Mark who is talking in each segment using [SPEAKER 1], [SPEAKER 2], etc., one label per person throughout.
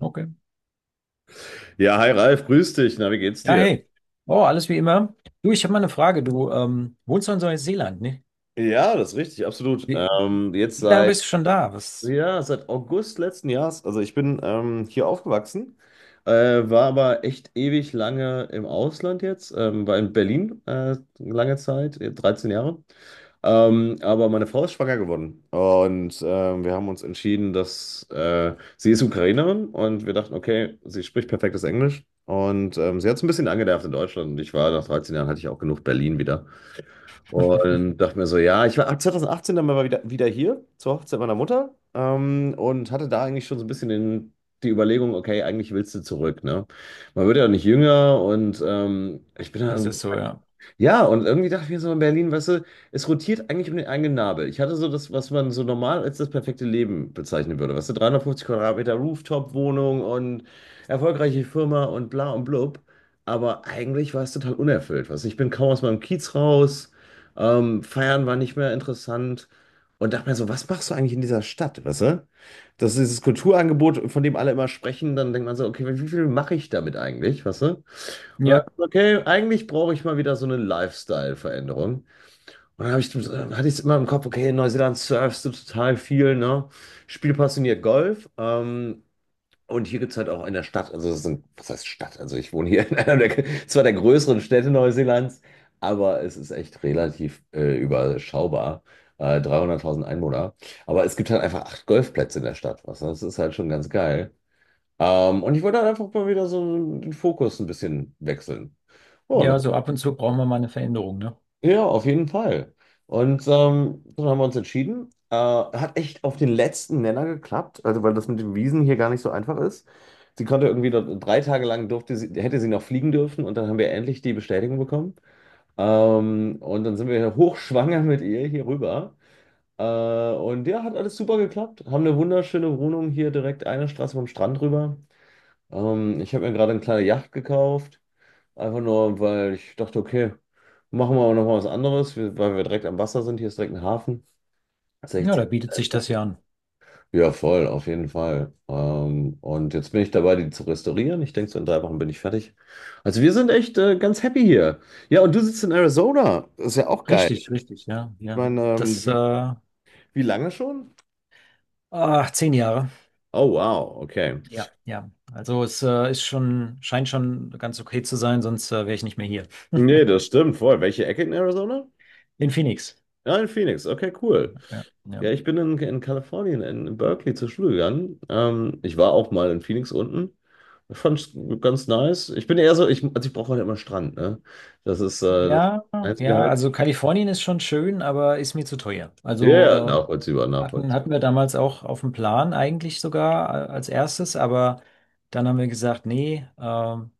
[SPEAKER 1] Okay.
[SPEAKER 2] Ja, hi Ralf, grüß dich. Na, wie geht's
[SPEAKER 1] Ja,
[SPEAKER 2] dir?
[SPEAKER 1] hey. Oh, alles wie immer. Du, ich habe mal eine Frage. Du wohnst doch in Neuseeland, ne?
[SPEAKER 2] Ja, das ist richtig, absolut.
[SPEAKER 1] Wie,
[SPEAKER 2] Ähm, jetzt
[SPEAKER 1] wie lange bist
[SPEAKER 2] seit,
[SPEAKER 1] du schon da? Was?
[SPEAKER 2] ja, seit August letzten Jahres. Also ich bin hier aufgewachsen, äh, war aber echt ewig lange im Ausland jetzt, war in Berlin lange Zeit, 13 Jahre. Aber meine Frau ist schwanger geworden, und wir haben uns entschieden, dass sie ist Ukrainerin und wir dachten, okay, sie spricht perfektes Englisch. Und sie hat es ein bisschen angenervt in Deutschland. Und ich war nach 13 Jahren, hatte ich auch genug Berlin wieder. Und dachte mir so, ja, ich war ab 2018 dann mal wieder hier zur Hochzeit meiner Mutter, und hatte da eigentlich schon so ein bisschen den, die Überlegung, okay, eigentlich willst du zurück, ne? Man wird ja nicht jünger, und ich bin da
[SPEAKER 1] Das
[SPEAKER 2] irgendwie,
[SPEAKER 1] ist so, ja.
[SPEAKER 2] ja, und irgendwie dachte ich mir so in Berlin, weißt du, es rotiert eigentlich um den eigenen Nabel. Ich hatte so das, was man so normal als das perfekte Leben bezeichnen würde. Weißt du, 350 Quadratmeter Rooftop-Wohnung und erfolgreiche Firma und bla und blub. Aber eigentlich war es total unerfüllt. Weißt du, ich bin kaum aus meinem Kiez raus. Feiern war nicht mehr interessant. Und dachte mir so, was machst du eigentlich in dieser Stadt, weißt du? Das ist dieses Kulturangebot, von dem alle immer sprechen. Dann denkt man so, okay, wie viel mache ich damit eigentlich, weißt du? Und dann,
[SPEAKER 1] Ja,
[SPEAKER 2] okay, eigentlich brauche ich mal wieder so eine Lifestyle-Veränderung. Und dann hatte ich es immer im Kopf, okay, in Neuseeland surfst du total viel, ne? Spiel passioniert Golf. Und hier gibt es halt auch in der Stadt, also es ist ein, was heißt Stadt? Also ich wohne hier in einer der, zwar der größeren Städte Neuseelands, aber es ist echt relativ überschaubar. 300.000 Einwohner. Aber es gibt halt einfach acht Golfplätze in der Stadt. Was, das ist halt schon ganz geil. Und ich wollte halt einfach mal wieder so den Fokus ein bisschen wechseln. Ja,
[SPEAKER 1] ja, so ab und zu brauchen wir mal eine Veränderung, ne?
[SPEAKER 2] ja, auf jeden Fall. Und dann haben wir uns entschieden. Hat echt auf den letzten Nenner geklappt, also weil das mit den Wiesen hier gar nicht so einfach ist. Sie konnte irgendwie 3 Tage lang durfte sie, hätte sie noch fliegen dürfen, und dann haben wir endlich die Bestätigung bekommen. Und dann sind wir hochschwanger mit ihr hier rüber. Äh, und ja, hat alles super geklappt. Haben eine wunderschöne Wohnung hier direkt eine Straße vom Strand rüber. Ich habe mir gerade eine kleine Yacht gekauft, einfach nur, weil ich dachte, okay, machen wir aber nochmal was anderes, weil wir direkt am Wasser sind. Hier ist direkt ein Hafen.
[SPEAKER 1] Ja, da
[SPEAKER 2] 60.
[SPEAKER 1] bietet sich das ja an.
[SPEAKER 2] Ja, voll, auf jeden Fall. Und jetzt bin ich dabei, die zu restaurieren. Ich denke, so in 3 Wochen bin ich fertig. Also wir sind echt ganz happy hier. Ja, und du sitzt in Arizona. Ist ja auch geil.
[SPEAKER 1] Richtig, richtig, ja,
[SPEAKER 2] Ich
[SPEAKER 1] ja.
[SPEAKER 2] meine,
[SPEAKER 1] Das, äh,
[SPEAKER 2] wie lange schon?
[SPEAKER 1] ach, 10 Jahre.
[SPEAKER 2] Oh, wow, okay.
[SPEAKER 1] Ja, ja. Also es ist schon, scheint schon ganz okay zu sein, sonst wäre ich nicht mehr hier.
[SPEAKER 2] Nee, das stimmt voll. Welche Ecke in Arizona?
[SPEAKER 1] In Phoenix.
[SPEAKER 2] Ja, in Phoenix. Okay, cool.
[SPEAKER 1] Ja, ja.
[SPEAKER 2] Ja, ich bin in Kalifornien, in Berkeley zur Schule gegangen. Ich war auch mal in Phoenix unten. Ich fand ganz nice. Ich bin eher so, also ich brauche halt immer Strand, ne? Das ist das
[SPEAKER 1] Ja,
[SPEAKER 2] Einzige
[SPEAKER 1] ja,
[SPEAKER 2] halt.
[SPEAKER 1] also Kalifornien ist schon schön, aber ist mir zu teuer.
[SPEAKER 2] Ja,
[SPEAKER 1] Also
[SPEAKER 2] ja, nachvollziehbar,
[SPEAKER 1] hatten
[SPEAKER 2] nachvollziehbar.
[SPEAKER 1] wir damals auch auf dem Plan eigentlich sogar als erstes, aber dann haben wir gesagt, nee,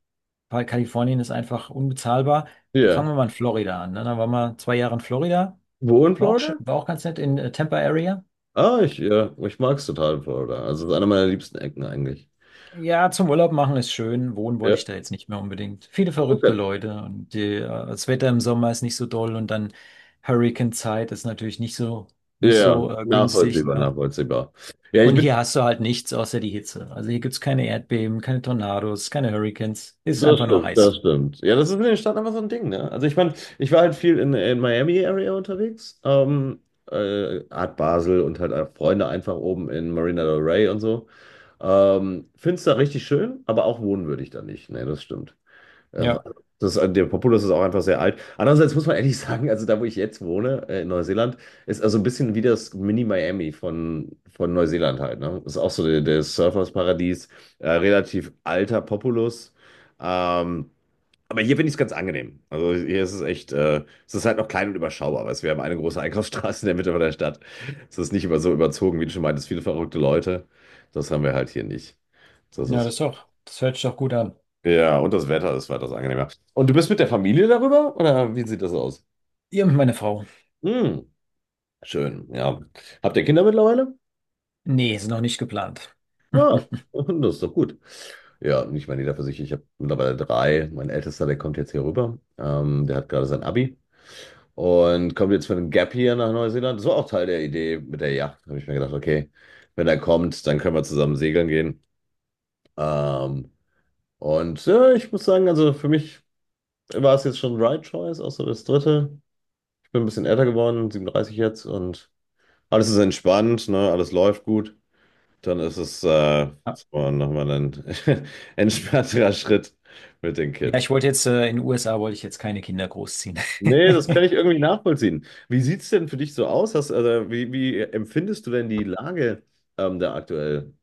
[SPEAKER 1] weil Kalifornien ist einfach unbezahlbar. Fangen
[SPEAKER 2] Ja.
[SPEAKER 1] wir mal in Florida an. Ne? Dann waren wir 2 Jahre in Florida,
[SPEAKER 2] Wo in
[SPEAKER 1] war auch, schön-
[SPEAKER 2] Florida?
[SPEAKER 1] war auch ganz nett in Tampa Area.
[SPEAKER 2] Ah, ich mag's total in Florida. Also es ist einer meiner liebsten Ecken eigentlich.
[SPEAKER 1] Ja, zum Urlaub machen ist schön, wohnen wollte
[SPEAKER 2] Ja,
[SPEAKER 1] ich da jetzt nicht mehr unbedingt. Viele verrückte
[SPEAKER 2] okay.
[SPEAKER 1] Leute und die, das Wetter im Sommer ist nicht so doll und dann Hurricane-Zeit ist natürlich nicht so,
[SPEAKER 2] Ja,
[SPEAKER 1] nicht
[SPEAKER 2] ja,
[SPEAKER 1] so äh, günstig.
[SPEAKER 2] nachvollziehbar,
[SPEAKER 1] Ne?
[SPEAKER 2] nachvollziehbar. Ja, ich
[SPEAKER 1] Und
[SPEAKER 2] bin
[SPEAKER 1] hier hast du halt nichts außer die Hitze. Also hier gibt's keine Erdbeben, keine Tornados, keine Hurricanes. Ist
[SPEAKER 2] das
[SPEAKER 1] einfach nur
[SPEAKER 2] stimmt, das
[SPEAKER 1] heiß.
[SPEAKER 2] stimmt. Ja, das ist in den Staaten einfach so ein Ding, ne? Also ich meine, ich war halt viel in Miami-Area unterwegs, Art Basel und halt auch Freunde einfach oben in Marina del Rey und so. Find's da richtig schön, aber auch wohnen würde ich da nicht. Ne, das stimmt. Ja,
[SPEAKER 1] Ja,
[SPEAKER 2] der Populus ist auch einfach sehr alt. Andererseits muss man ehrlich sagen, also da, wo ich jetzt wohne, in Neuseeland, ist also ein bisschen wie das Mini-Miami von Neuseeland halt. Ne? Ist auch so der Surfersparadies, relativ alter Populus. Ähm, aber hier finde ich es ganz angenehm. Also hier ist es echt. Es ist halt noch klein und überschaubar, weil wir haben eine große Einkaufsstraße in der Mitte von der Stadt. Es ist nicht über so überzogen, wie du schon meintest, viele verrückte Leute. Das haben wir halt hier nicht. Das
[SPEAKER 1] ja,
[SPEAKER 2] ist
[SPEAKER 1] das ist doch, das hört sich doch gut an.
[SPEAKER 2] ja, und das Wetter ist weitaus angenehmer. Und du bist mit der Familie darüber? Oder wie sieht das aus?
[SPEAKER 1] Ihr und meine Frau.
[SPEAKER 2] Hm, schön, ja. Habt ihr Kinder mittlerweile?
[SPEAKER 1] Nee, ist noch nicht geplant.
[SPEAKER 2] Ja, das ist doch gut. Ja, und ich meine, jeder für sich. Ich habe mittlerweile drei. Mein Ältester, der kommt jetzt hier rüber. Der hat gerade sein Abi und kommt jetzt für einen Gap hier nach Neuseeland. Das war auch Teil der Idee mit der Yacht. Habe ich mir gedacht, okay, wenn er kommt, dann können wir zusammen segeln gehen. Ähm, und ja, ich muss sagen, also für mich war es jetzt schon Right Choice, auch so das dritte. Bin ein bisschen älter geworden, 37 jetzt, und alles ist entspannt, ne? Alles läuft gut. Dann ist es
[SPEAKER 1] Ja,
[SPEAKER 2] so nochmal ein entspannterer Schritt mit den
[SPEAKER 1] ja, ich
[SPEAKER 2] Kids.
[SPEAKER 1] wollte jetzt, in den USA wollte ich jetzt keine Kinder großziehen.
[SPEAKER 2] Nee, das kann ich irgendwie nachvollziehen. Wie sieht es denn für dich so aus? Wie empfindest du denn die Lage da aktuell?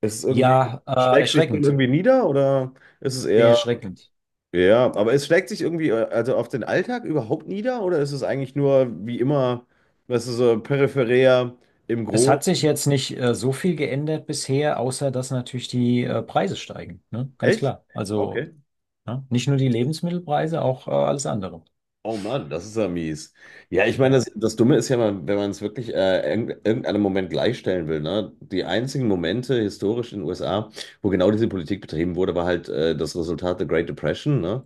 [SPEAKER 2] Ist es irgendwie,
[SPEAKER 1] Ja,
[SPEAKER 2] schlägt sich denn
[SPEAKER 1] erschreckend.
[SPEAKER 2] irgendwie nieder oder ist es
[SPEAKER 1] Sehr
[SPEAKER 2] eher,
[SPEAKER 1] erschreckend.
[SPEAKER 2] ja, aber es schlägt sich irgendwie also auf den Alltag überhaupt nieder, oder ist es eigentlich nur wie immer, was ist so peripherär im
[SPEAKER 1] Es hat sich
[SPEAKER 2] Großen?
[SPEAKER 1] jetzt nicht so viel geändert bisher, außer dass natürlich die Preise steigen. Ne? Ganz
[SPEAKER 2] Echt?
[SPEAKER 1] klar. Also,
[SPEAKER 2] Okay.
[SPEAKER 1] ne? Nicht nur die Lebensmittelpreise, auch alles andere.
[SPEAKER 2] Oh Mann, das ist ja mies. Ja, ich meine,
[SPEAKER 1] Ja,
[SPEAKER 2] das Dumme ist ja, mal, wenn man es wirklich irgendeinem Moment gleichstellen will, ne? Die einzigen Momente historisch in den USA, wo genau diese Politik betrieben wurde, war halt das Resultat der Great Depression, ne?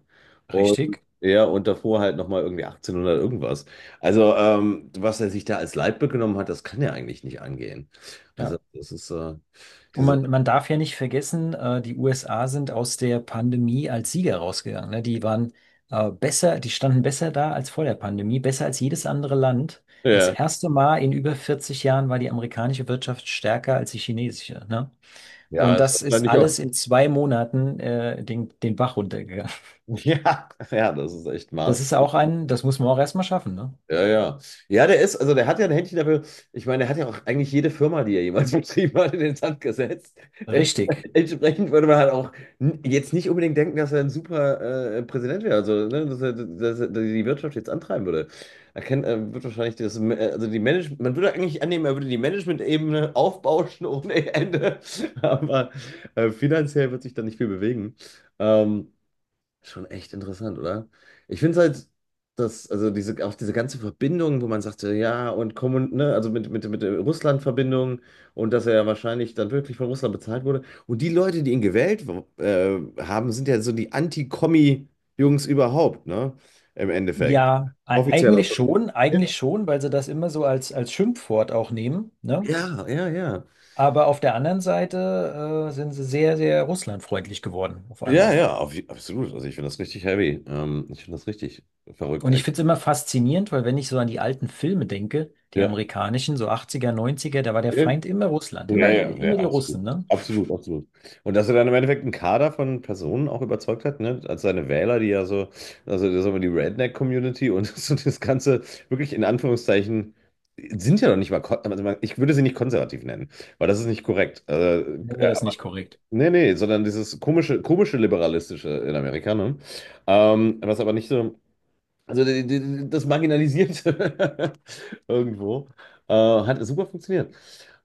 [SPEAKER 2] Und
[SPEAKER 1] richtig.
[SPEAKER 2] ja, und davor halt nochmal irgendwie 1800 irgendwas. Also, was er sich da als Leitbild genommen hat, das kann ja eigentlich nicht angehen. Also,
[SPEAKER 1] Ja.
[SPEAKER 2] das ist
[SPEAKER 1] Und
[SPEAKER 2] diese,
[SPEAKER 1] man darf ja nicht vergessen, die USA sind aus der Pandemie als Sieger rausgegangen. Ne? Die waren besser, die standen besser da als vor der Pandemie, besser als jedes andere Land. Das
[SPEAKER 2] ja,
[SPEAKER 1] erste Mal in über 40 Jahren war die amerikanische Wirtschaft stärker als die chinesische. Ne?
[SPEAKER 2] ja,
[SPEAKER 1] Und
[SPEAKER 2] es ist
[SPEAKER 1] das ist
[SPEAKER 2] wahrscheinlich auch,
[SPEAKER 1] alles in 2 Monaten den, den Bach runtergegangen.
[SPEAKER 2] ja, ja, das ist echt
[SPEAKER 1] Das
[SPEAKER 2] maß.
[SPEAKER 1] ist auch ein, das muss man auch erstmal schaffen. Ne?
[SPEAKER 2] Ja, ja. Ja, also der hat ja ein Händchen dafür. Ich meine, der hat ja auch eigentlich jede Firma, die er jemals betrieben hat, in den Sand gesetzt.
[SPEAKER 1] Richtig.
[SPEAKER 2] Entsprechend würde man halt auch jetzt nicht unbedingt denken, dass er ein super Präsident wäre, also ne, dass er die Wirtschaft jetzt antreiben würde. Er wird wahrscheinlich das, also die Management, man würde eigentlich annehmen, er würde die Management-Ebene aufbauschen ohne Ende, aber finanziell wird sich da nicht viel bewegen. Ähm, Schon echt interessant, oder? Ich finde es halt, dass, also diese, auch diese ganze Verbindung, wo man sagte, ja, und Kommun, ne, also mit der Russland-Verbindung, und dass er ja wahrscheinlich dann wirklich von Russland bezahlt wurde. Und die Leute, die ihn gewählt haben, sind ja so die Anti-Kommi-Jungs überhaupt, ne? Im Endeffekt.
[SPEAKER 1] Ja, e-
[SPEAKER 2] Offiziell auch. Ja,
[SPEAKER 1] eigentlich schon, weil sie das immer so als, als Schimpfwort auch nehmen, ne?
[SPEAKER 2] ja, ja.
[SPEAKER 1] Aber auf der anderen Seite sind sie sehr, sehr russlandfreundlich geworden auf
[SPEAKER 2] Ja, ja,
[SPEAKER 1] einmal.
[SPEAKER 2] ja, absolut. Also ich finde das richtig heavy. Ich finde das richtig verrückt
[SPEAKER 1] Und ich finde
[SPEAKER 2] eigentlich.
[SPEAKER 1] es immer faszinierend, weil wenn ich so an die alten Filme denke, die
[SPEAKER 2] Ja.
[SPEAKER 1] amerikanischen, so 80er, 90er, da war der
[SPEAKER 2] Ja.
[SPEAKER 1] Feind immer Russland,
[SPEAKER 2] Ja,
[SPEAKER 1] immer,
[SPEAKER 2] ja, ja,
[SPEAKER 1] immer die
[SPEAKER 2] absolut.
[SPEAKER 1] Russen, ne?
[SPEAKER 2] Absolut, absolut. Und dass er dann im Endeffekt einen Kader von Personen auch überzeugt hat, ne? Als seine Wähler, die ja so, also das ist aber die Redneck-Community und so das Ganze wirklich in Anführungszeichen sind ja noch nicht mal, also ich würde sie nicht konservativ nennen, weil das ist nicht korrekt.
[SPEAKER 1] Nennen wir das
[SPEAKER 2] Aber,
[SPEAKER 1] nicht korrekt.
[SPEAKER 2] nee, nee, sondern dieses komische, komische liberalistische in Amerika, ne? Was aber nicht so. Also das Marginalisierte irgendwo. Hat super funktioniert.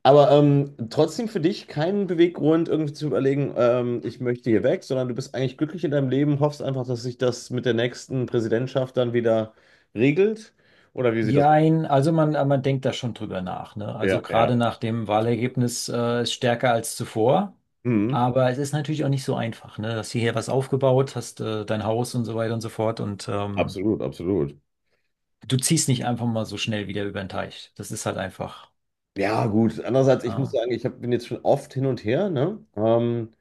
[SPEAKER 2] Aber trotzdem für dich keinen Beweggrund, irgendwie zu überlegen, ich möchte hier weg, sondern du bist eigentlich glücklich in deinem Leben, hoffst einfach, dass sich das mit der nächsten Präsidentschaft dann wieder regelt. Oder wie sieht das?
[SPEAKER 1] Jein, also man denkt da schon drüber nach, ne? Also
[SPEAKER 2] Ja,
[SPEAKER 1] gerade
[SPEAKER 2] ja.
[SPEAKER 1] nach dem Wahlergebnis ist stärker als zuvor.
[SPEAKER 2] Mhm.
[SPEAKER 1] Aber es ist natürlich auch nicht so einfach, ne? Hast hierher was aufgebaut, hast dein Haus und so weiter und so fort und
[SPEAKER 2] Absolut, absolut.
[SPEAKER 1] du ziehst nicht einfach mal so schnell wieder über den Teich. Das ist halt einfach.
[SPEAKER 2] Ja, gut. Andererseits, ich muss
[SPEAKER 1] Ah.
[SPEAKER 2] sagen, bin jetzt schon oft hin und her, ne?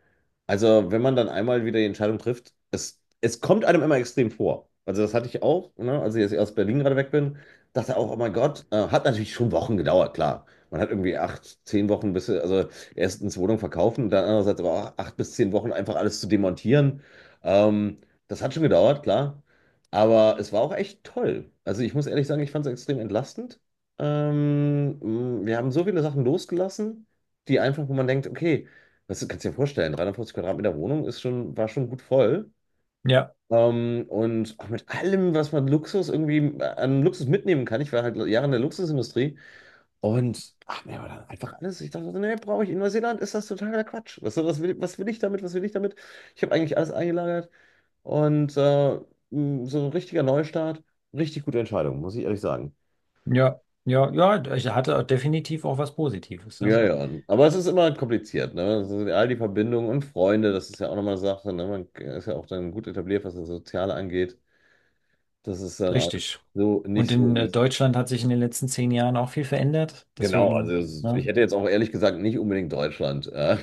[SPEAKER 2] Also, wenn man dann einmal wieder die Entscheidung trifft, es kommt einem immer extrem vor. Also, das hatte ich auch, ne? Als ich jetzt aus Berlin gerade weg bin, dachte auch, oh mein Gott, hat natürlich schon Wochen gedauert, klar. Man hat irgendwie 8, 10 Wochen, also erstens Wohnung verkaufen, dann andererseits aber auch 8 bis 10 Wochen einfach alles zu demontieren. Ähm, Das hat schon gedauert, klar. Aber es war auch echt toll. Also, ich muss ehrlich sagen, ich fand es extrem entlastend. Ähm, Wir haben so viele Sachen losgelassen, die einfach, wo man denkt, okay, das kannst du dir vorstellen, 350 Quadratmeter Wohnung war schon gut voll.
[SPEAKER 1] Ja,
[SPEAKER 2] Und auch mit allem, was man Luxus irgendwie an Luxus mitnehmen kann. Ich war halt Jahre in der Luxusindustrie, und ach, mir war dann einfach alles. Ich dachte, so, nee, brauche ich in Neuseeland, ist das totaler Quatsch. Was will ich damit? Was will ich damit? Ich habe eigentlich alles eingelagert, und so ein richtiger Neustart, richtig gute Entscheidung, muss ich ehrlich sagen.
[SPEAKER 1] ja, ja, ja. Ich hatte definitiv auch was Positives.
[SPEAKER 2] Ja,
[SPEAKER 1] Ja.
[SPEAKER 2] ja. Aber es ist immer kompliziert, ne? Das all die Verbindungen und Freunde, das ist ja auch nochmal eine Sache, ne? Man ist ja auch dann gut etabliert, was das Soziale angeht. Das ist dann alles
[SPEAKER 1] Richtig.
[SPEAKER 2] so nicht
[SPEAKER 1] Und
[SPEAKER 2] so
[SPEAKER 1] in
[SPEAKER 2] easy.
[SPEAKER 1] Deutschland hat sich in den letzten 10 Jahren auch viel verändert.
[SPEAKER 2] Genau,
[SPEAKER 1] Deswegen,
[SPEAKER 2] also ich
[SPEAKER 1] ne?
[SPEAKER 2] hätte jetzt auch ehrlich gesagt nicht unbedingt Deutschland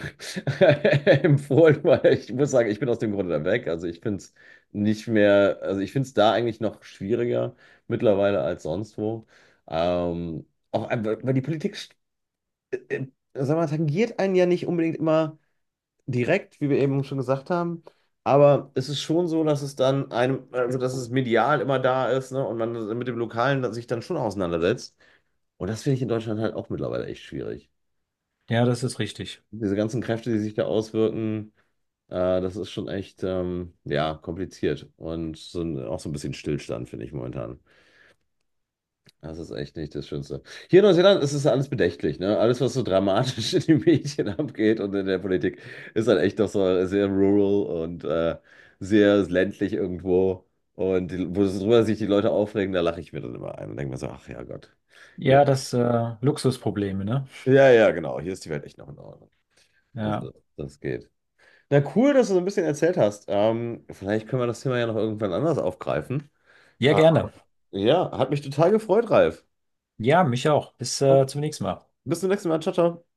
[SPEAKER 2] empfohlen, weil ich muss sagen, ich bin aus dem Grunde da weg. Also ich finde es nicht mehr, also ich finde es da eigentlich noch schwieriger mittlerweile als sonst wo. Auch einfach, weil die Politik, äh, äh, sag mal, tangiert einen ja nicht unbedingt immer direkt, wie wir eben schon gesagt haben. Aber es ist schon so, dass es dann einem, also dass es medial immer da ist, ne? Und man mit dem Lokalen dann sich dann schon auseinandersetzt. Und das finde ich in Deutschland halt auch mittlerweile echt schwierig.
[SPEAKER 1] Ja, das ist richtig.
[SPEAKER 2] Diese ganzen Kräfte, die sich da auswirken, äh, das ist schon echt, ja, kompliziert. Und so, auch so ein bisschen Stillstand, finde ich momentan. Das ist echt nicht das Schönste. Hier in Neuseeland ist es alles bedächtlich, ne? Alles, was so dramatisch in den Medien abgeht und in der Politik, ist halt echt doch so sehr rural und sehr ländlich irgendwo. Und die, wo drüber sich die Leute aufregen, da lache ich mir dann immer ein und denke mir so, ach ja Gott. Hier,
[SPEAKER 1] Ja, das Luxusprobleme, ne?
[SPEAKER 2] ja, ja, genau, hier ist die Welt echt noch in Ordnung.
[SPEAKER 1] Ja.
[SPEAKER 2] Also, das geht. Na cool, dass du so ein bisschen erzählt hast. Vielleicht können wir das Thema ja noch irgendwann anders aufgreifen.
[SPEAKER 1] Ja,
[SPEAKER 2] Ah,
[SPEAKER 1] gerne.
[SPEAKER 2] ja, hat mich total gefreut, Ralf.
[SPEAKER 1] Ja, mich auch. Bis zum nächsten Mal.
[SPEAKER 2] Bis zum nächsten Mal. Ciao, ciao.